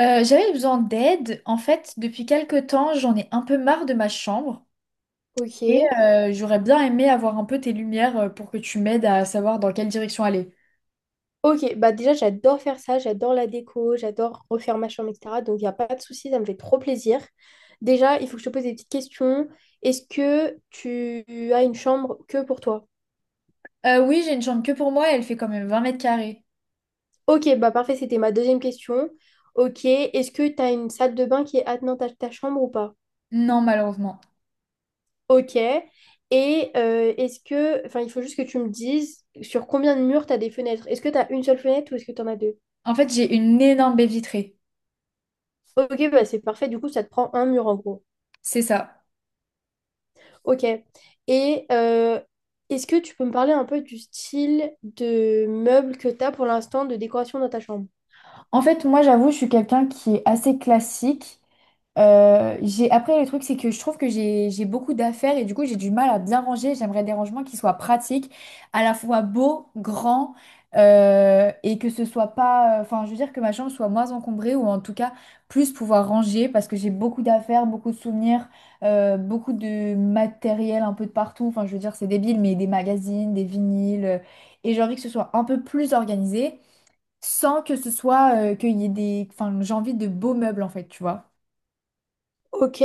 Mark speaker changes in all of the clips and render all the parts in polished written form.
Speaker 1: J'avais besoin d'aide. En fait, depuis quelque temps, j'en ai un peu marre de ma chambre et
Speaker 2: Ok.
Speaker 1: j'aurais bien aimé avoir un peu tes lumières pour que tu m'aides à savoir dans quelle direction aller.
Speaker 2: Ok, bah déjà j'adore faire ça, j'adore la déco, j'adore refaire ma chambre, etc. Donc il n'y a pas de souci, ça me fait trop plaisir. Déjà, il faut que je te pose des petites questions. Est-ce que tu as une chambre que pour toi?
Speaker 1: Oui, j'ai une chambre que pour moi et elle fait quand même 20 m².
Speaker 2: Ok, bah parfait, c'était ma deuxième question. Ok, est-ce que tu as une salle de bain qui est attenante à ta chambre ou pas?
Speaker 1: Non, malheureusement.
Speaker 2: Ok. Et est-ce que, enfin il faut juste que tu me dises sur combien de murs tu as des fenêtres. Est-ce que tu as une seule fenêtre ou est-ce que tu en as deux?
Speaker 1: En fait, j'ai une énorme baie vitrée.
Speaker 2: Ok, bah c'est parfait, du coup ça te prend un mur en gros.
Speaker 1: C'est ça.
Speaker 2: Ok. Et est-ce que tu peux me parler un peu du style de meubles que tu as pour l'instant de décoration dans ta chambre?
Speaker 1: En fait, moi, j'avoue, je suis quelqu'un qui est assez classique. Après, le truc, c'est que je trouve que j'ai beaucoup d'affaires et du coup, j'ai du mal à bien ranger. J'aimerais des rangements qui soient pratiques, à la fois beaux, grands, et que ce soit pas... Enfin, je veux dire que ma chambre soit moins encombrée ou en tout cas plus pouvoir ranger parce que j'ai beaucoup d'affaires, beaucoup de souvenirs, beaucoup de matériel un peu de partout. Enfin, je veux dire, c'est débile, mais des magazines, des vinyles. Et j'ai envie que ce soit un peu plus organisé sans que ce soit qu'il y ait Enfin, j'ai envie de beaux meubles, en fait, tu vois.
Speaker 2: Ok.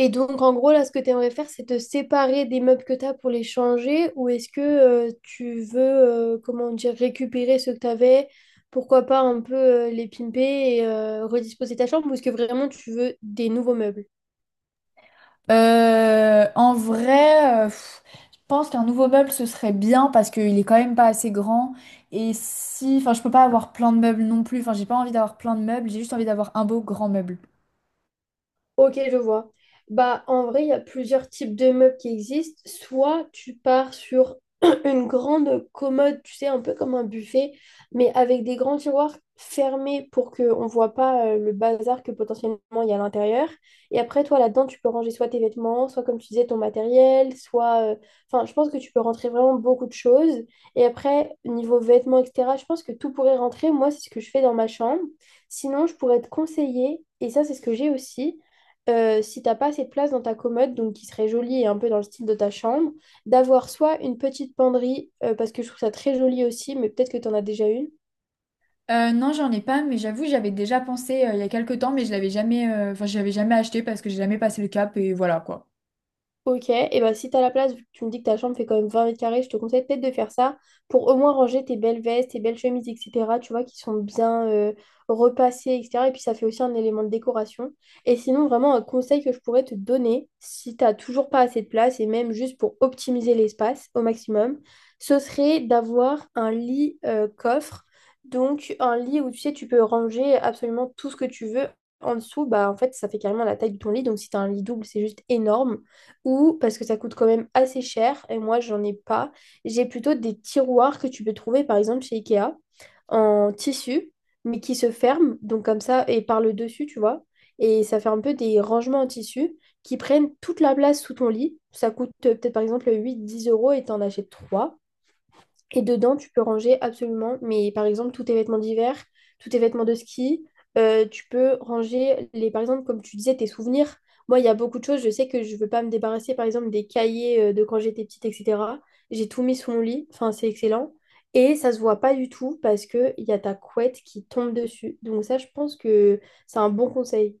Speaker 2: Et donc, en gros, là, ce que tu aimerais faire, c'est te séparer des meubles que tu as pour les changer ou est-ce que tu veux, comment dire, récupérer ceux que tu avais, pourquoi pas un peu les pimper et redisposer ta chambre ou est-ce que vraiment tu veux des nouveaux meubles?
Speaker 1: Euh, en vrai, euh, pff, je pense qu'un nouveau meuble, ce serait bien parce qu'il est quand même pas assez grand. Et si... Enfin, je peux pas avoir plein de meubles non plus. Enfin, j'ai pas envie d'avoir plein de meubles, j'ai juste envie d'avoir un beau grand meuble.
Speaker 2: Ok, je vois. Bah, en vrai, il y a plusieurs types de meubles qui existent. Soit tu pars sur une grande commode, tu sais, un peu comme un buffet, mais avec des grands tiroirs fermés pour qu'on ne voit pas le bazar que potentiellement il y a à l'intérieur. Et après, toi, là-dedans, tu peux ranger soit tes vêtements, soit, comme tu disais, ton matériel, soit enfin, je pense que tu peux rentrer vraiment beaucoup de choses. Et après, niveau vêtements, etc., je pense que tout pourrait rentrer. Moi, c'est ce que je fais dans ma chambre. Sinon, je pourrais te conseiller, et ça, c'est ce que j'ai aussi si t'as pas assez de place dans ta commode, donc qui serait jolie et un peu dans le style de ta chambre, d'avoir soit une petite penderie, parce que je trouve ça très joli aussi, mais peut-être que tu en as déjà une.
Speaker 1: Non, j'en ai pas, mais j'avoue, j'avais déjà pensé il y a quelques temps, mais je l'avais jamais, enfin, je l'avais jamais acheté parce que j'ai jamais passé le cap et voilà quoi.
Speaker 2: Ok, et bah si t'as la place, vu que tu me dis que ta chambre fait quand même 20 m², je te conseille peut-être de faire ça pour au moins ranger tes belles vestes, tes belles chemises, etc. Tu vois, qui sont bien repassées, etc. Et puis ça fait aussi un élément de décoration. Et sinon, vraiment, un conseil que je pourrais te donner, si t'as toujours pas assez de place, et même juste pour optimiser l'espace au maximum, ce serait d'avoir un lit coffre. Donc un lit où tu sais, tu peux ranger absolument tout ce que tu veux. En dessous, bah en fait, ça fait carrément la taille de ton lit. Donc si t'as un lit double, c'est juste énorme ou parce que ça coûte quand même assez cher et moi j'en ai pas. J'ai plutôt des tiroirs que tu peux trouver par exemple chez Ikea en tissu mais qui se ferment donc comme ça et par le dessus tu vois et ça fait un peu des rangements en tissu qui prennent toute la place sous ton lit. Ça coûte peut-être par exemple 8-10 euros et t'en achètes 3. Et dedans, tu peux ranger absolument, mais par exemple, tous tes vêtements d'hiver, tous tes vêtements de ski, tu peux ranger, les, par exemple, comme tu disais, tes souvenirs. Moi, il y a beaucoup de choses, je sais que je veux pas me débarrasser, par exemple, des cahiers de quand j'étais petite, etc. J'ai tout mis sous mon lit, enfin, c'est excellent. Et ça se voit pas du tout parce qu'il y a ta couette qui tombe dessus. Donc ça, je pense que c'est un bon conseil.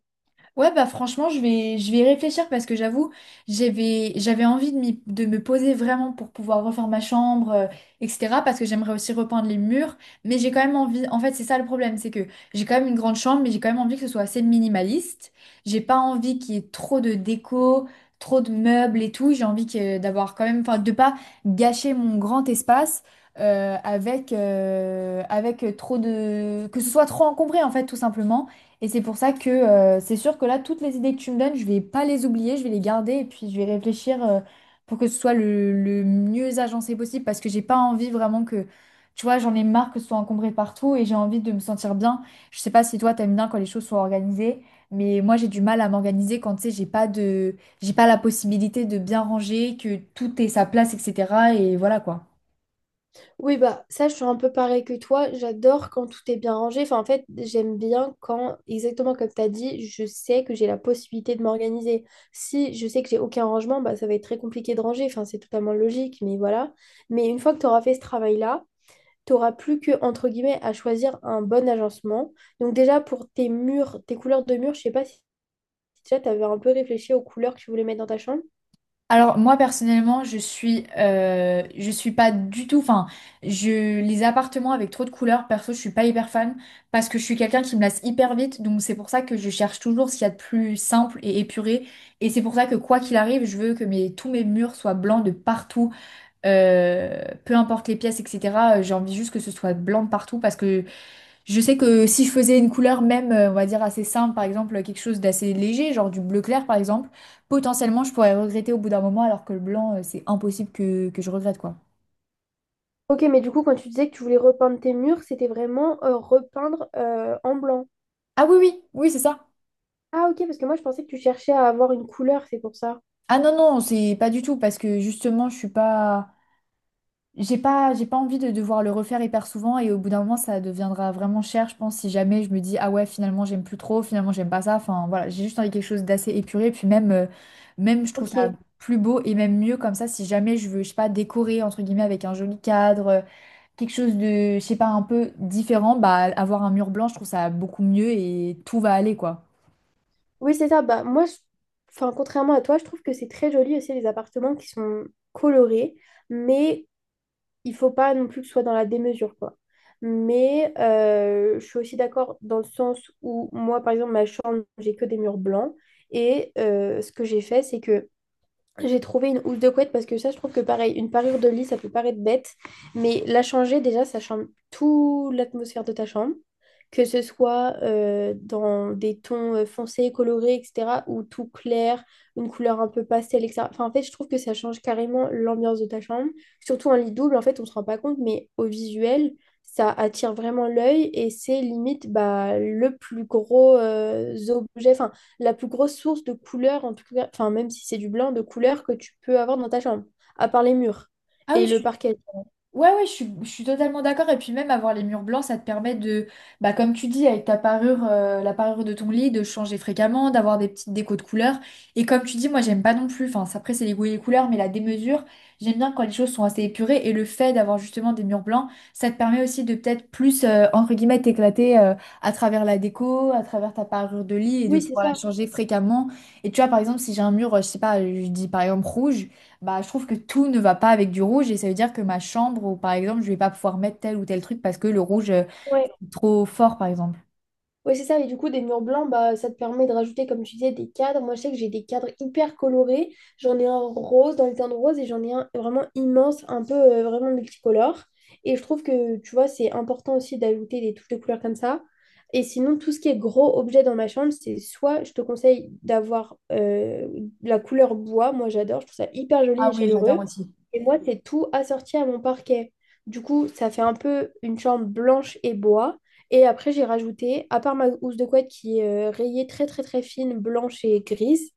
Speaker 1: Ouais, bah franchement, je vais y réfléchir parce que j'avoue, j'avais envie de me poser vraiment pour pouvoir refaire ma chambre, etc. Parce que j'aimerais aussi repeindre les murs. Mais j'ai quand même envie, en fait, c'est ça le problème, c'est que j'ai quand même une grande chambre, mais j'ai quand même envie que ce soit assez minimaliste. J'ai pas envie qu'il y ait trop de déco, trop de meubles et tout. J'ai envie d'avoir quand même, enfin, de pas gâcher mon grand espace, avec trop de... que ce soit trop encombré en fait tout simplement. Et c'est pour ça que c'est sûr que là, toutes les idées que tu me donnes, je vais pas les oublier, je vais les garder et puis je vais réfléchir pour que ce soit le mieux agencé possible parce que j'ai pas envie vraiment que, tu vois, j'en ai marre que ce soit encombré partout et j'ai envie de me sentir bien. Je sais pas si toi, t'aimes bien quand les choses sont organisées, mais moi, j'ai du mal à m'organiser quand, tu sais, j'ai pas la possibilité de bien ranger, que tout ait sa place, etc. Et voilà quoi.
Speaker 2: Oui, bah ça, je suis un peu pareil que toi. J'adore quand tout est bien rangé. Enfin, en fait, j'aime bien quand, exactement comme tu as dit, je sais que j'ai la possibilité de m'organiser. Si je sais que j'ai aucun rangement, bah, ça va être très compliqué de ranger. Enfin, c'est totalement logique, mais voilà. Mais une fois que tu auras fait ce travail-là, tu n'auras plus que, entre guillemets, à choisir un bon agencement. Donc déjà, pour tes murs, tes couleurs de murs, je sais pas si déjà tu avais un peu réfléchi aux couleurs que tu voulais mettre dans ta chambre.
Speaker 1: Alors moi personnellement, je suis pas du tout. Enfin, je les appartements avec trop de couleurs, perso, je suis pas hyper fan parce que je suis quelqu'un qui me lasse hyper vite. Donc c'est pour ça que je cherche toujours ce qu'il y a de plus simple et épuré. Et c'est pour ça que quoi qu'il arrive, je veux que tous mes murs soient blancs de partout, peu importe les pièces, etc. J'ai envie juste que ce soit blanc de partout parce que je sais que si je faisais une couleur même, on va dire assez simple, par exemple quelque chose d'assez léger, genre du bleu clair par exemple, potentiellement je pourrais regretter au bout d'un moment alors que le blanc, c'est impossible que je regrette quoi.
Speaker 2: Ok, mais du coup, quand tu disais que tu voulais repeindre tes murs, c'était vraiment repeindre en blanc.
Speaker 1: Ah oui, c'est ça.
Speaker 2: Ah ok, parce que moi je pensais que tu cherchais à avoir une couleur, c'est pour ça.
Speaker 1: Ah non, c'est pas du tout parce que justement je suis pas... j'ai pas envie de devoir le refaire hyper souvent et au bout d'un moment ça deviendra vraiment cher, je pense, si jamais je me dis ah ouais finalement j'aime plus trop, finalement j'aime pas ça, enfin voilà, j'ai juste envie de quelque chose d'assez épuré, et puis même, même je trouve ça
Speaker 2: Ok.
Speaker 1: plus beau et même mieux comme ça si jamais je veux, je sais pas, décorer entre guillemets avec un joli cadre, quelque chose de, je sais pas, un peu différent, bah avoir un mur blanc, je trouve ça beaucoup mieux et tout va aller quoi.
Speaker 2: Oui, c'est ça. Bah moi, enfin, contrairement à toi, je trouve que c'est très joli aussi les appartements qui sont colorés, mais il faut pas non plus que ce soit dans la démesure, quoi. Mais je suis aussi d'accord dans le sens où moi, par exemple, ma chambre, j'ai que des murs blancs. Et ce que j'ai fait, c'est que j'ai trouvé une housse de couette parce que ça, je trouve que pareil, une parure de lit, ça peut paraître bête, mais la changer, déjà, ça change toute l'atmosphère de ta chambre, que ce soit dans des tons foncés, colorés, etc., ou tout clair, une couleur un peu pastel, etc. Enfin, en fait, je trouve que ça change carrément l'ambiance de ta chambre, surtout un lit double, en fait, on se rend pas compte, mais au visuel, ça attire vraiment l'œil et c'est limite bah, le plus gros objet. Enfin, la plus grosse source de couleur, en tout cas, enfin, même si c'est du blanc, de couleur que tu peux avoir dans ta chambre, à part les murs
Speaker 1: Ah oui,
Speaker 2: et
Speaker 1: je
Speaker 2: le
Speaker 1: suis
Speaker 2: parquet.
Speaker 1: ouais, ouais, je suis totalement d'accord. Et puis même avoir les murs blancs, ça te permet de, bah, comme tu dis, avec ta parure, la parure de ton lit, de changer fréquemment, d'avoir des petites décos de couleurs. Et comme tu dis, moi, j'aime pas non plus, enfin, ça, après, c'est les goûts et les couleurs, mais la démesure, j'aime bien quand les choses sont assez épurées. Et le fait d'avoir justement des murs blancs, ça te permet aussi de peut-être plus, entre guillemets, t'éclater, à travers la déco, à travers ta parure de lit et de
Speaker 2: Oui, c'est
Speaker 1: pouvoir la
Speaker 2: ça.
Speaker 1: changer fréquemment. Et tu vois, par exemple, si j'ai un mur, je sais pas, je dis par exemple rouge. Bah, je trouve que tout ne va pas avec du rouge et ça veut dire que ma chambre, ou par exemple, je vais pas pouvoir mettre tel ou tel truc parce que le rouge est trop fort, par exemple.
Speaker 2: Oui, c'est ça. Et du coup, des murs blancs, bah, ça te permet de rajouter, comme tu disais, des cadres. Moi, je sais que j'ai des cadres hyper colorés. J'en ai un rose dans le les de rose et j'en ai un vraiment immense, un peu vraiment multicolore. Et je trouve que, tu vois, c'est important aussi d'ajouter des touches de couleurs comme ça. Et sinon, tout ce qui est gros objet dans ma chambre, c'est soit je te conseille d'avoir la couleur bois. Moi, j'adore. Je trouve ça hyper joli
Speaker 1: Ah
Speaker 2: et
Speaker 1: oui, j'adore
Speaker 2: chaleureux.
Speaker 1: aussi.
Speaker 2: Et moi, c'est tout assorti à mon parquet. Du coup, ça fait un peu une chambre blanche et bois. Et après, j'ai rajouté, à part ma housse de couette qui est rayée très très très fine, blanche et grise,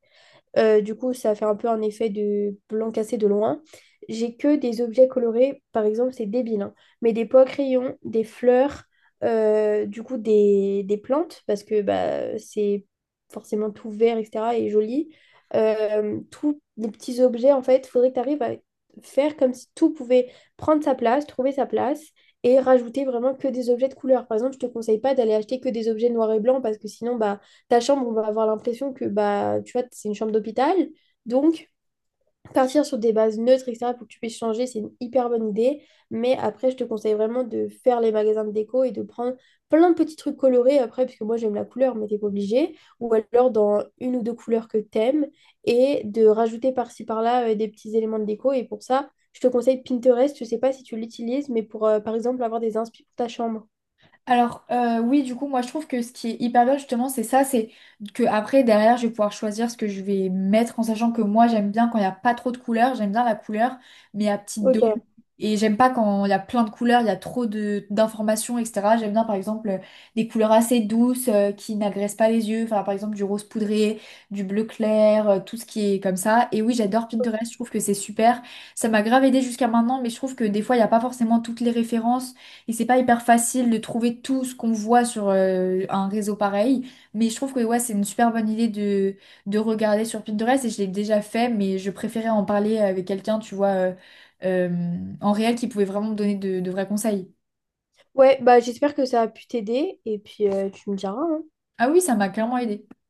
Speaker 2: du coup, ça fait un peu un effet de blanc cassé de loin. J'ai que des objets colorés, par exemple, c'est débile, hein, mais des pots à crayon, des fleurs, du coup, des plantes, parce que bah, c'est forcément tout vert, etc., et joli. Tous les petits objets, en fait, il faudrait que tu arrives à faire comme si tout pouvait prendre sa place, trouver sa place, et rajouter vraiment que des objets de couleur. Par exemple, je te conseille pas d'aller acheter que des objets noirs et blancs, parce que sinon, bah, ta chambre, on va avoir l'impression que bah, tu vois, c'est une chambre d'hôpital. Donc, partir sur des bases neutres, etc., pour que tu puisses changer, c'est une hyper bonne idée. Mais après, je te conseille vraiment de faire les magasins de déco et de prendre plein de petits trucs colorés après, parce que moi, j'aime la couleur, mais t'es pas obligé. Ou alors dans une ou deux couleurs que t'aimes et de rajouter par-ci par-là des petits éléments de déco. Et pour ça, je te conseille Pinterest. Je sais pas si tu l'utilises, mais pour, par exemple, avoir des inspi pour ta chambre.
Speaker 1: Alors oui, du coup, moi je trouve que ce qui est hyper bien justement, c'est ça, c'est que après derrière, je vais pouvoir choisir ce que je vais mettre en sachant que moi j'aime bien quand il n'y a pas trop de couleurs, j'aime bien la couleur, mais à petite dose.
Speaker 2: Ok.
Speaker 1: Et j'aime pas quand il y a plein de couleurs, il y a trop de d'informations, etc. J'aime bien par exemple des couleurs assez douces qui n'agressent pas les yeux, enfin par exemple du rose poudré, du bleu clair, tout ce qui est comme ça. Et oui, j'adore Pinterest, je trouve que c'est super. Ça m'a grave aidé jusqu'à maintenant, mais je trouve que des fois il n'y a pas forcément toutes les références. Et c'est pas hyper facile de trouver tout ce qu'on voit sur un réseau pareil, mais je trouve que ouais, c'est une super bonne idée de regarder sur Pinterest et je l'ai déjà fait, mais je préférais en parler avec quelqu'un, tu vois, en réel qui pouvait vraiment me donner de vrais conseils.
Speaker 2: Ouais, bah j'espère que ça a pu t'aider et puis tu me diras, hein.
Speaker 1: Ah oui, ça m'a clairement aidé.